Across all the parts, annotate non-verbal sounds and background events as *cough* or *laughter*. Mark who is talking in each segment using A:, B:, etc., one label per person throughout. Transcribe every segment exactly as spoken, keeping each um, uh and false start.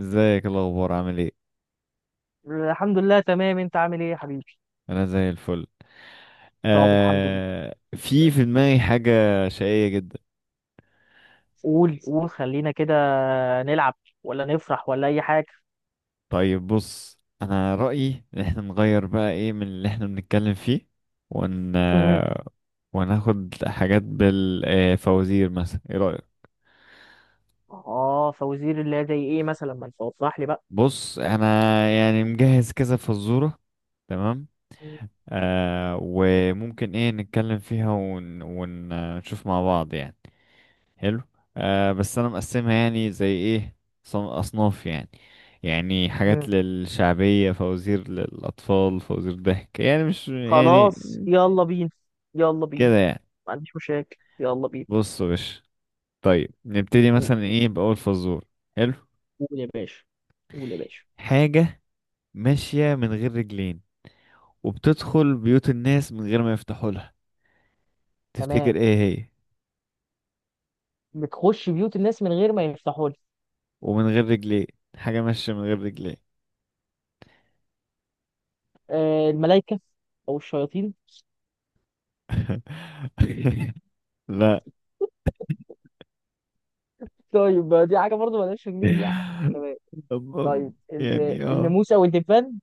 A: ازيك؟ إيه الاخبار؟ عامل ايه؟
B: الحمد لله، تمام. انت عامل ايه يا حبيبي؟
A: انا زي الفل.
B: طب الحمد لله.
A: آه، في في دماغي حاجه شقيه جدا.
B: قول قول خلينا كده نلعب، ولا نفرح، ولا اي حاجه.
A: طيب بص، انا رايي ان احنا نغير بقى ايه من اللي احنا بنتكلم فيه. ون
B: مم.
A: وناخد حاجات بالفوازير، مثلا ايه رايك؟
B: اه، فوزير، الله، زي ايه مثلا؟ ما انت وضح لي بقى.
A: بص انا يعني مجهز كذا فزوره، تمام. آه وممكن ايه نتكلم فيها ون... ونشوف مع بعض يعني. حلو. آه بس انا مقسمها يعني زي ايه، صن- اصناف يعني. يعني
B: مم.
A: حاجات للشعبية، فوازير للأطفال، فوازير ضحك، يعني مش يعني
B: خلاص، يلا بينا، يلا بينا،
A: كده يعني.
B: ما عنديش مشاكل، يلا بينا.
A: بص يا باشا، طيب نبتدي
B: قول
A: مثلا ايه بأول فزور. حلو.
B: قول يا باشا. قول يا باشا.
A: حاجة ماشية من غير رجلين وبتدخل بيوت الناس من غير ما يفتحوا لها،
B: تمام.
A: تفتكر ايه هي؟
B: بتخش بيوت الناس من غير ما يفتحوا لك.
A: ومن غير رجلين، حاجة ماشية من غير رجلين.
B: آه، الملائكه او الشياطين.
A: *laughs* لا.
B: طيب، ما دي حاجه برضه مالهاش رجلين يعني. تمام. طيب،
A: *laughs*
B: ال-
A: يعني اه.
B: الناموس او الدبان.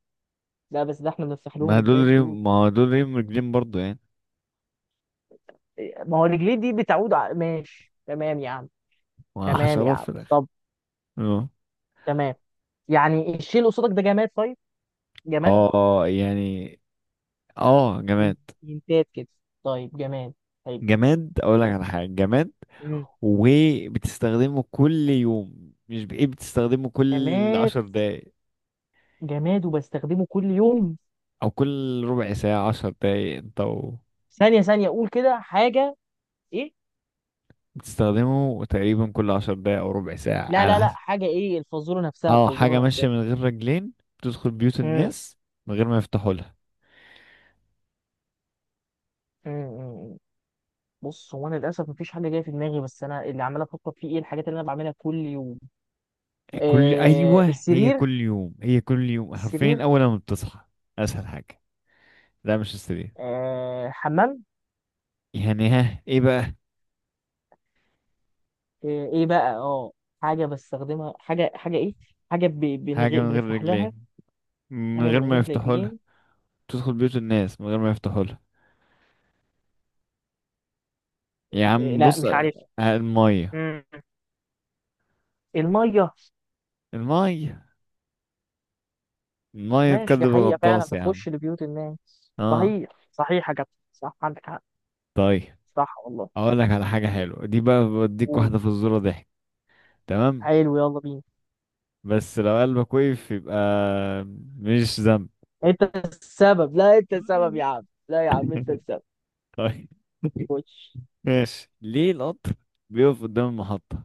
B: لا، بس ده احنا بنفتح
A: ما
B: لهم
A: دول
B: الباب
A: ريم
B: دول.
A: ما دول ريم مرجلين برضو يعني.
B: إيه، ما هو رجليه دي بتعود ع... ماشي تمام يا عم.
A: ما
B: تمام يا
A: حشرات
B: عم،
A: في الاخر.
B: طب.
A: اه.
B: تمام. يعني الشيء اللي قصادك ده جماد؟ طيب، جماد.
A: اه آه، يعني اه جماد.
B: انتات كده. طيب جماد. طيب.
A: جماد، اقول لك على حاجه جماد،
B: مم.
A: وبتستخدمه كل يوم، مش بايه بتستخدمه كل
B: جماد.
A: عشر دقايق.
B: جماد وبستخدمه كل يوم.
A: او كل ربع ساعه، عشر دقايق، انت و...
B: ثانية ثانية، أقول كده حاجة. إيه؟
A: بتستخدمه تقريبا كل عشر دقايق او ربع ساعه
B: لا
A: على
B: لا لا،
A: حسب.
B: حاجة إيه؟ الفازورة نفسها،
A: اه حاجه
B: الفازورة
A: ماشيه
B: نفسها.
A: من غير رجلين، بتدخل بيوت
B: مم.
A: الناس من غير ما يفتحوا لها.
B: مم. مم. بص، هو أنا للأسف مفيش حاجة جاية في دماغي، بس أنا اللي عمال أفكر فيه إيه الحاجات اللي أنا بعملها كل يوم.
A: كل
B: آه،
A: ايوه، هي
B: السرير.
A: كل يوم هي كل يوم
B: السرير.
A: حرفيا اول ما بتصحى، اسهل حاجه. لا مش السرير.
B: آه، حمام.
A: يعني ها ايه بقى.
B: آه، ايه بقى؟ اه، حاجة بستخدمها. حاجة حاجة ايه. حاجة ب- من
A: حاجه
B: غير
A: من غير
B: بنفتح لها.
A: رجلين، من
B: حاجة
A: غير
B: من
A: ما
B: غير
A: يفتحوا لها،
B: رجلين.
A: تدخل بيوت الناس من غير ما يفتحوا لها. يا
B: آه،
A: عم
B: لا،
A: بص،
B: مش
A: آه،
B: عارف.
A: الميه.
B: مم. المية.
A: الميه. الميه
B: ماشي،
A: تكذب
B: دي حقيقة فعلا
A: الغطاس يا عم.
B: بتخش لبيوت الناس،
A: اه.
B: صحيح، صحيح يا كابتن، صح عندك حق.
A: طيب،
B: صح والله.
A: اقول لك على حاجه حلوه دي بقى، بديك
B: و-
A: واحده في الزوره ضحك، تمام.
B: حلو، يلا بينا.
A: بس لو قلبك وقف، يبقى مش ذنب.
B: انت السبب، لا، انت السبب يا عم، لا يا عم، انت
A: *laughs*
B: السبب.
A: طيب.
B: خش.
A: ماشي ليه القطر بيقف قدام المحطة؟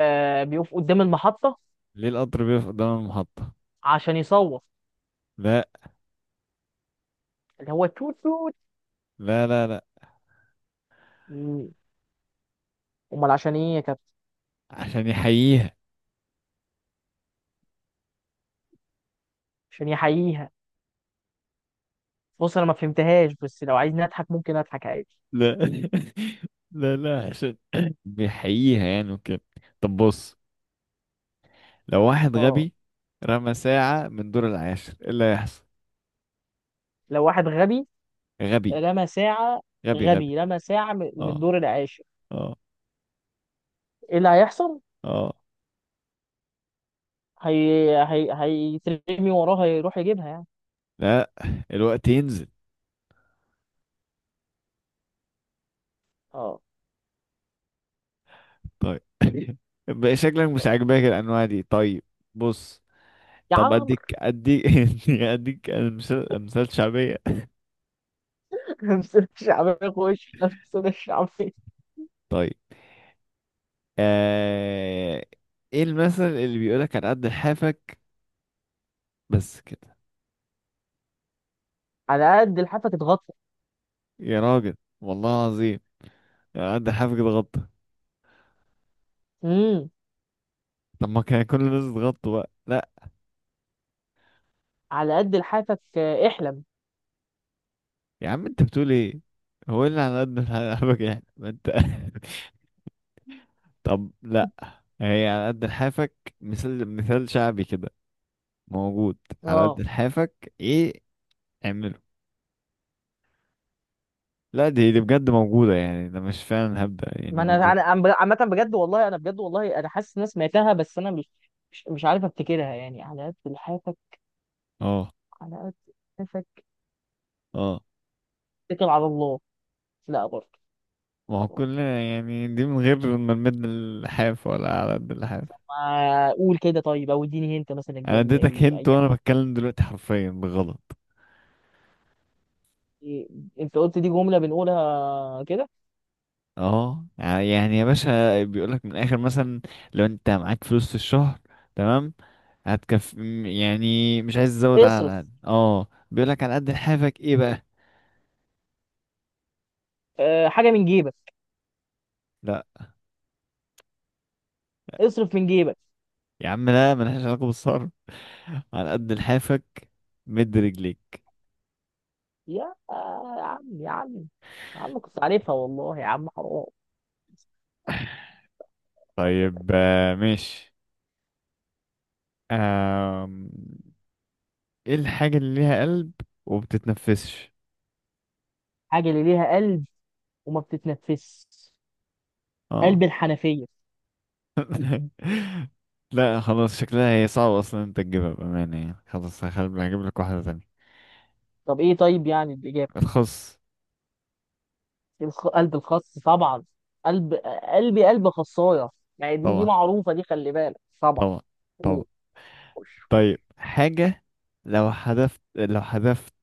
B: آه، بيقف قدام المحطة.
A: ليه القطر بيقف قدام المحطة؟
B: عشان يصوت.
A: لا
B: اللي هو توت توت.
A: لا لا. لا
B: مم. امال عشان ايه يا كابتن؟
A: عشان يحييها.
B: عشان يحييها. بص انا ما فهمتهاش، بس لو عايزني اضحك ممكن اضحك عادي.
A: لا *laughs* لا لا، عشان بيحييها يعني وكده. طب بص، لو واحد
B: اه.
A: غبي رمى ساعة من دور العاشر، ايه اللي هيحصل؟
B: لو واحد غبي
A: غبي
B: رمى ساعة،
A: غبي غبي.
B: غبي رمى ساعة م- من
A: اه
B: الدور العاشر،
A: اه
B: ايه اللي هيحصل؟
A: اه.
B: هي هي هيترمي وراه هيروح يجيبها يعني؟
A: لا، الوقت ينزل.
B: اه.
A: طيب *laughs* بقى شكلك مش عاجباك الانواع دي، طيب. بص،
B: يا
A: طب
B: عمرو.
A: اديك اديك *laughs* اديك مثال، مثال شعبية.
B: *laughs* لمسنا الشعبية في وشي، لمسنا الشعبية.
A: طيب. آه... ايه المثل اللي بيقولك على قد لحافك؟ بس كده.
B: على قد لحافك اتغطى.
A: يا راجل، والله العظيم، على قد لحافك ده غطا.
B: امم.
A: طب ما كان كل الناس تغطوا بقى، لا.
B: على قد لحافك، آه، احلم.
A: يا عم انت بتقول ايه؟ هو إيه اللي على قد *laughs* لحافك يعني، ما انت *laughs* طب لا، هي على قد لحافك مثال، مثال شعبي كده، موجود. على قد
B: اه.
A: لحافك ايه اعمله. لا دي دي بجد موجودة، يعني ده مش فعلا هبدأ يعني
B: ما انا
A: موجود.
B: انا عم- عامة بجد والله، انا بجد والله، انا حاسس ان انا سمعتها، بس انا مش، مش مش عارف افتكرها يعني. على قد لحافك.
A: اه
B: على قد لحافك
A: اه.
B: اتكل على الله. لا، برضه.
A: ما
B: لا،
A: هو
B: برضه.
A: كلنا يعني دي من غير ما نمد اللحاف، ولا على قد اللحاف.
B: طب ما قول كده طيب، او اديني انت مثلا
A: انا
B: الجمله،
A: اديتك
B: اي
A: هنت
B: اي
A: وانا
B: حاجه.
A: بتكلم دلوقتي حرفيا بغلط.
B: إيه؟ انت قلت دي جمله بنقولها كده.
A: اه يعني يا باشا، بيقولك من الاخر مثلا، لو انت معاك فلوس في الشهر، تمام، هتكفي م- يعني مش عايز تزود،
B: اصرف.
A: على قد اه بيقولك على قد لحافك، ايه بقى.
B: أه، حاجه من جيبك.
A: لا
B: اصرف من جيبك.
A: يا عم لا، ملهاش علاقة بالصرف، على قد لحافك مد رجليك.
B: يا يا عم، يا عم، يا عم، كنت عارفها والله، يا عم حرام.
A: طيب، آه، ماشي. آه، ايه الحاجة اللي ليها قلب وبتتنفسش؟
B: حاجه اللي ليها قلب وما بتتنفس.
A: اه.
B: قلب الحنفيه.
A: *laughs* لا خلاص شكلها هي صعبة اصلا انت تجيبها بأمانة، يعني خلاص هخل- هجيب لك واحدة تانية.
B: طب ايه، طيب يعني الاجابه؟
A: الخص.
B: الخ- قلب الخس طبعا. قلب. قلبي قلب خصايه. يعني دي دي
A: طبعا
B: معروفه دي، خلي بالك طبعا.
A: طبعا طبعا.
B: خش. خش.
A: طيب حاجة، لو حذفت لو حذفت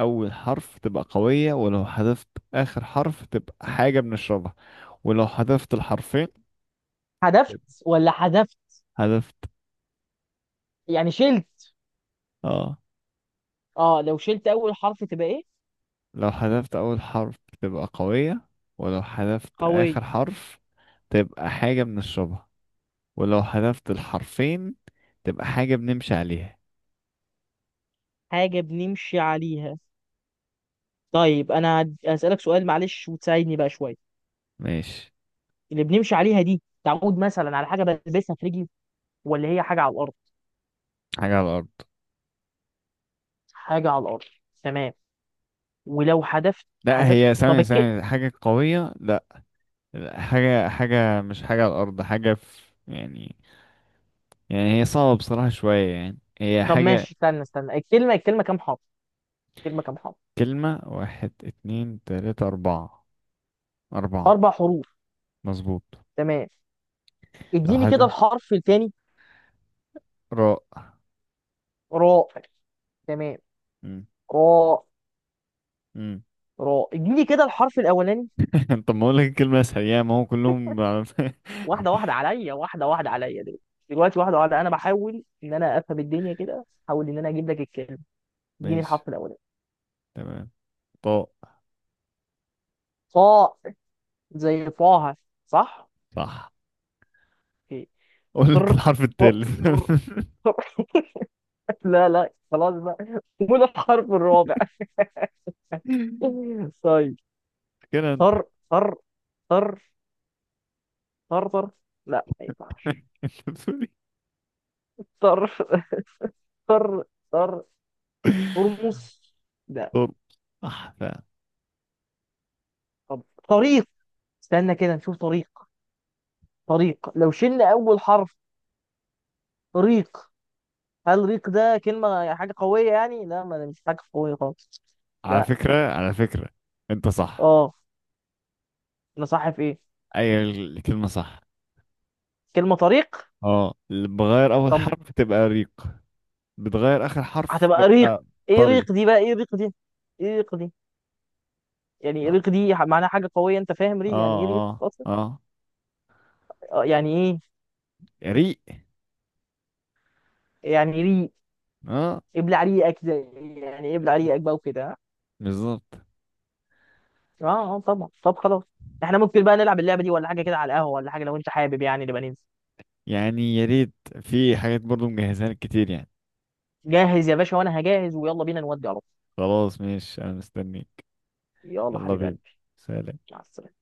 A: أول حرف تبقى قوية، ولو حذفت آخر حرف تبقى حاجة بنشربها، ولو حذفت الحرفين
B: حذفت
A: تبقى.
B: ولا حذفت
A: حذفت،
B: يعني شلت؟
A: اه.
B: اه، لو شلت اول حرف تبقى ايه؟
A: لو حذفت أول حرف تبقى قوية، ولو حذفت آخر
B: قوية.
A: حرف تبقى حاجة بنشربها، ولو حذفت الحرفين تبقى حاجة بنمشي عليها.
B: حاجة بنمشي عليها. طيب، انا هد- هسألك سؤال، معلش وتساعدني بقى شوية.
A: ماشي.
B: اللي بنمشي عليها دي تعود مثلا على حاجة بلبسها في رجلي، ولا هي حاجة على الارض؟
A: حاجة على الأرض.
B: حاجة على الارض. تمام. ولو حذفت
A: لا
B: حذفت
A: هي
B: طب
A: ثانية
B: الك...
A: ثانية، حاجة قوية، لا. لا، حاجة حاجة مش حاجة على الأرض، حاجة في، يعني، يعني هي صعبة بصراحة شوية، يعني هي
B: طب
A: حاجة.
B: ماشي، استنى استنى، الكلمة الكلمة كام حرف؟ الكلمة كام حرف؟
A: كلمة، واحد اتنين تلاتة أربعة، أربعة.
B: اربع حروف.
A: مظبوط.
B: تمام.
A: لو
B: اديني كده
A: حاجة،
B: الحرف الثاني.
A: راء.
B: راء. تمام.
A: مم.
B: راء.
A: مم.
B: راء، اديني كده الحرف الاولاني.
A: *laughs* طب ما أقولك الكلمة أسهل، يعني ما هو كلهم على-
B: واحده واحده
A: *laughs*
B: عليا، واحده واحده عليا دلوقتي، دلوقتي واحده واحده، انا بحاول ان انا افهم الدنيا كده، احاول ان انا اجيب لك الكلمه. اديني
A: ماشي.
B: الحرف الاولاني.
A: تمام. طاء.
B: صاء. زي فاها. صح.
A: صح.
B: اوكي.
A: اقول لك
B: طر،
A: الحرف
B: طر،
A: التالت.
B: طر، طر. *laughs* لا لا، خلاص بقى. قول الحرف الرابع
A: *laughs*
B: *laughs* طيب.
A: كده انت
B: طر، طر، طر، طر، طر. لا، ما ينفعش.
A: انت بتقول
B: طر، طر، طر.
A: ايه؟
B: ترمس. لا.
A: طب. صح فعلا.
B: طب. طريق. استنى كده نشوف، طريق. طريق، لو شلنا اول حرف، ريق. هل ريق ده كلمه يعني حاجه قويه؟ يعني لا، ما ده مش حاجه قويه خالص.
A: على
B: لا.
A: فكرة، على فكرة انت صح.
B: اه. انا صح في ايه؟
A: اي الكلمة صح.
B: كلمه طريق.
A: اه اللي بغير اول
B: طب
A: حرف تبقى ريق، بتغير اخر حرف
B: هتبقى ريق.
A: تبقى
B: ايه
A: طري.
B: ريق دي بقى؟ ايه ريق دي؟ ايه ريق دي؟ يعني إيه
A: اه
B: ريق دي ح- معناها حاجه قويه؟ انت فاهم
A: اه
B: ري؟ يعني ايه ريق
A: اه.
B: اصلا؟
A: اه
B: آه، يعني ايه.
A: ريق.
B: يعني ري.
A: اه
B: ابلع ريقك ده. يعني ابلع ريقك بقى وكده.
A: بالظبط.
B: اه اه طبعا. طب خلاص، احنا ممكن بقى نلعب اللعبه دي ولا حاجه كده على القهوه، ولا حاجه، لو انت حابب يعني نبقى ننزل.
A: يعني يا ريت، في حاجات برضو مجهزها لك كتير يعني.
B: جاهز يا باشا، وانا هجهز ويلا بينا نودي على طول.
A: خلاص ماشي انا مستنيك.
B: يلا
A: يلا
B: حبيب
A: بينا.
B: قلبي.
A: سلام.
B: مع السلامة.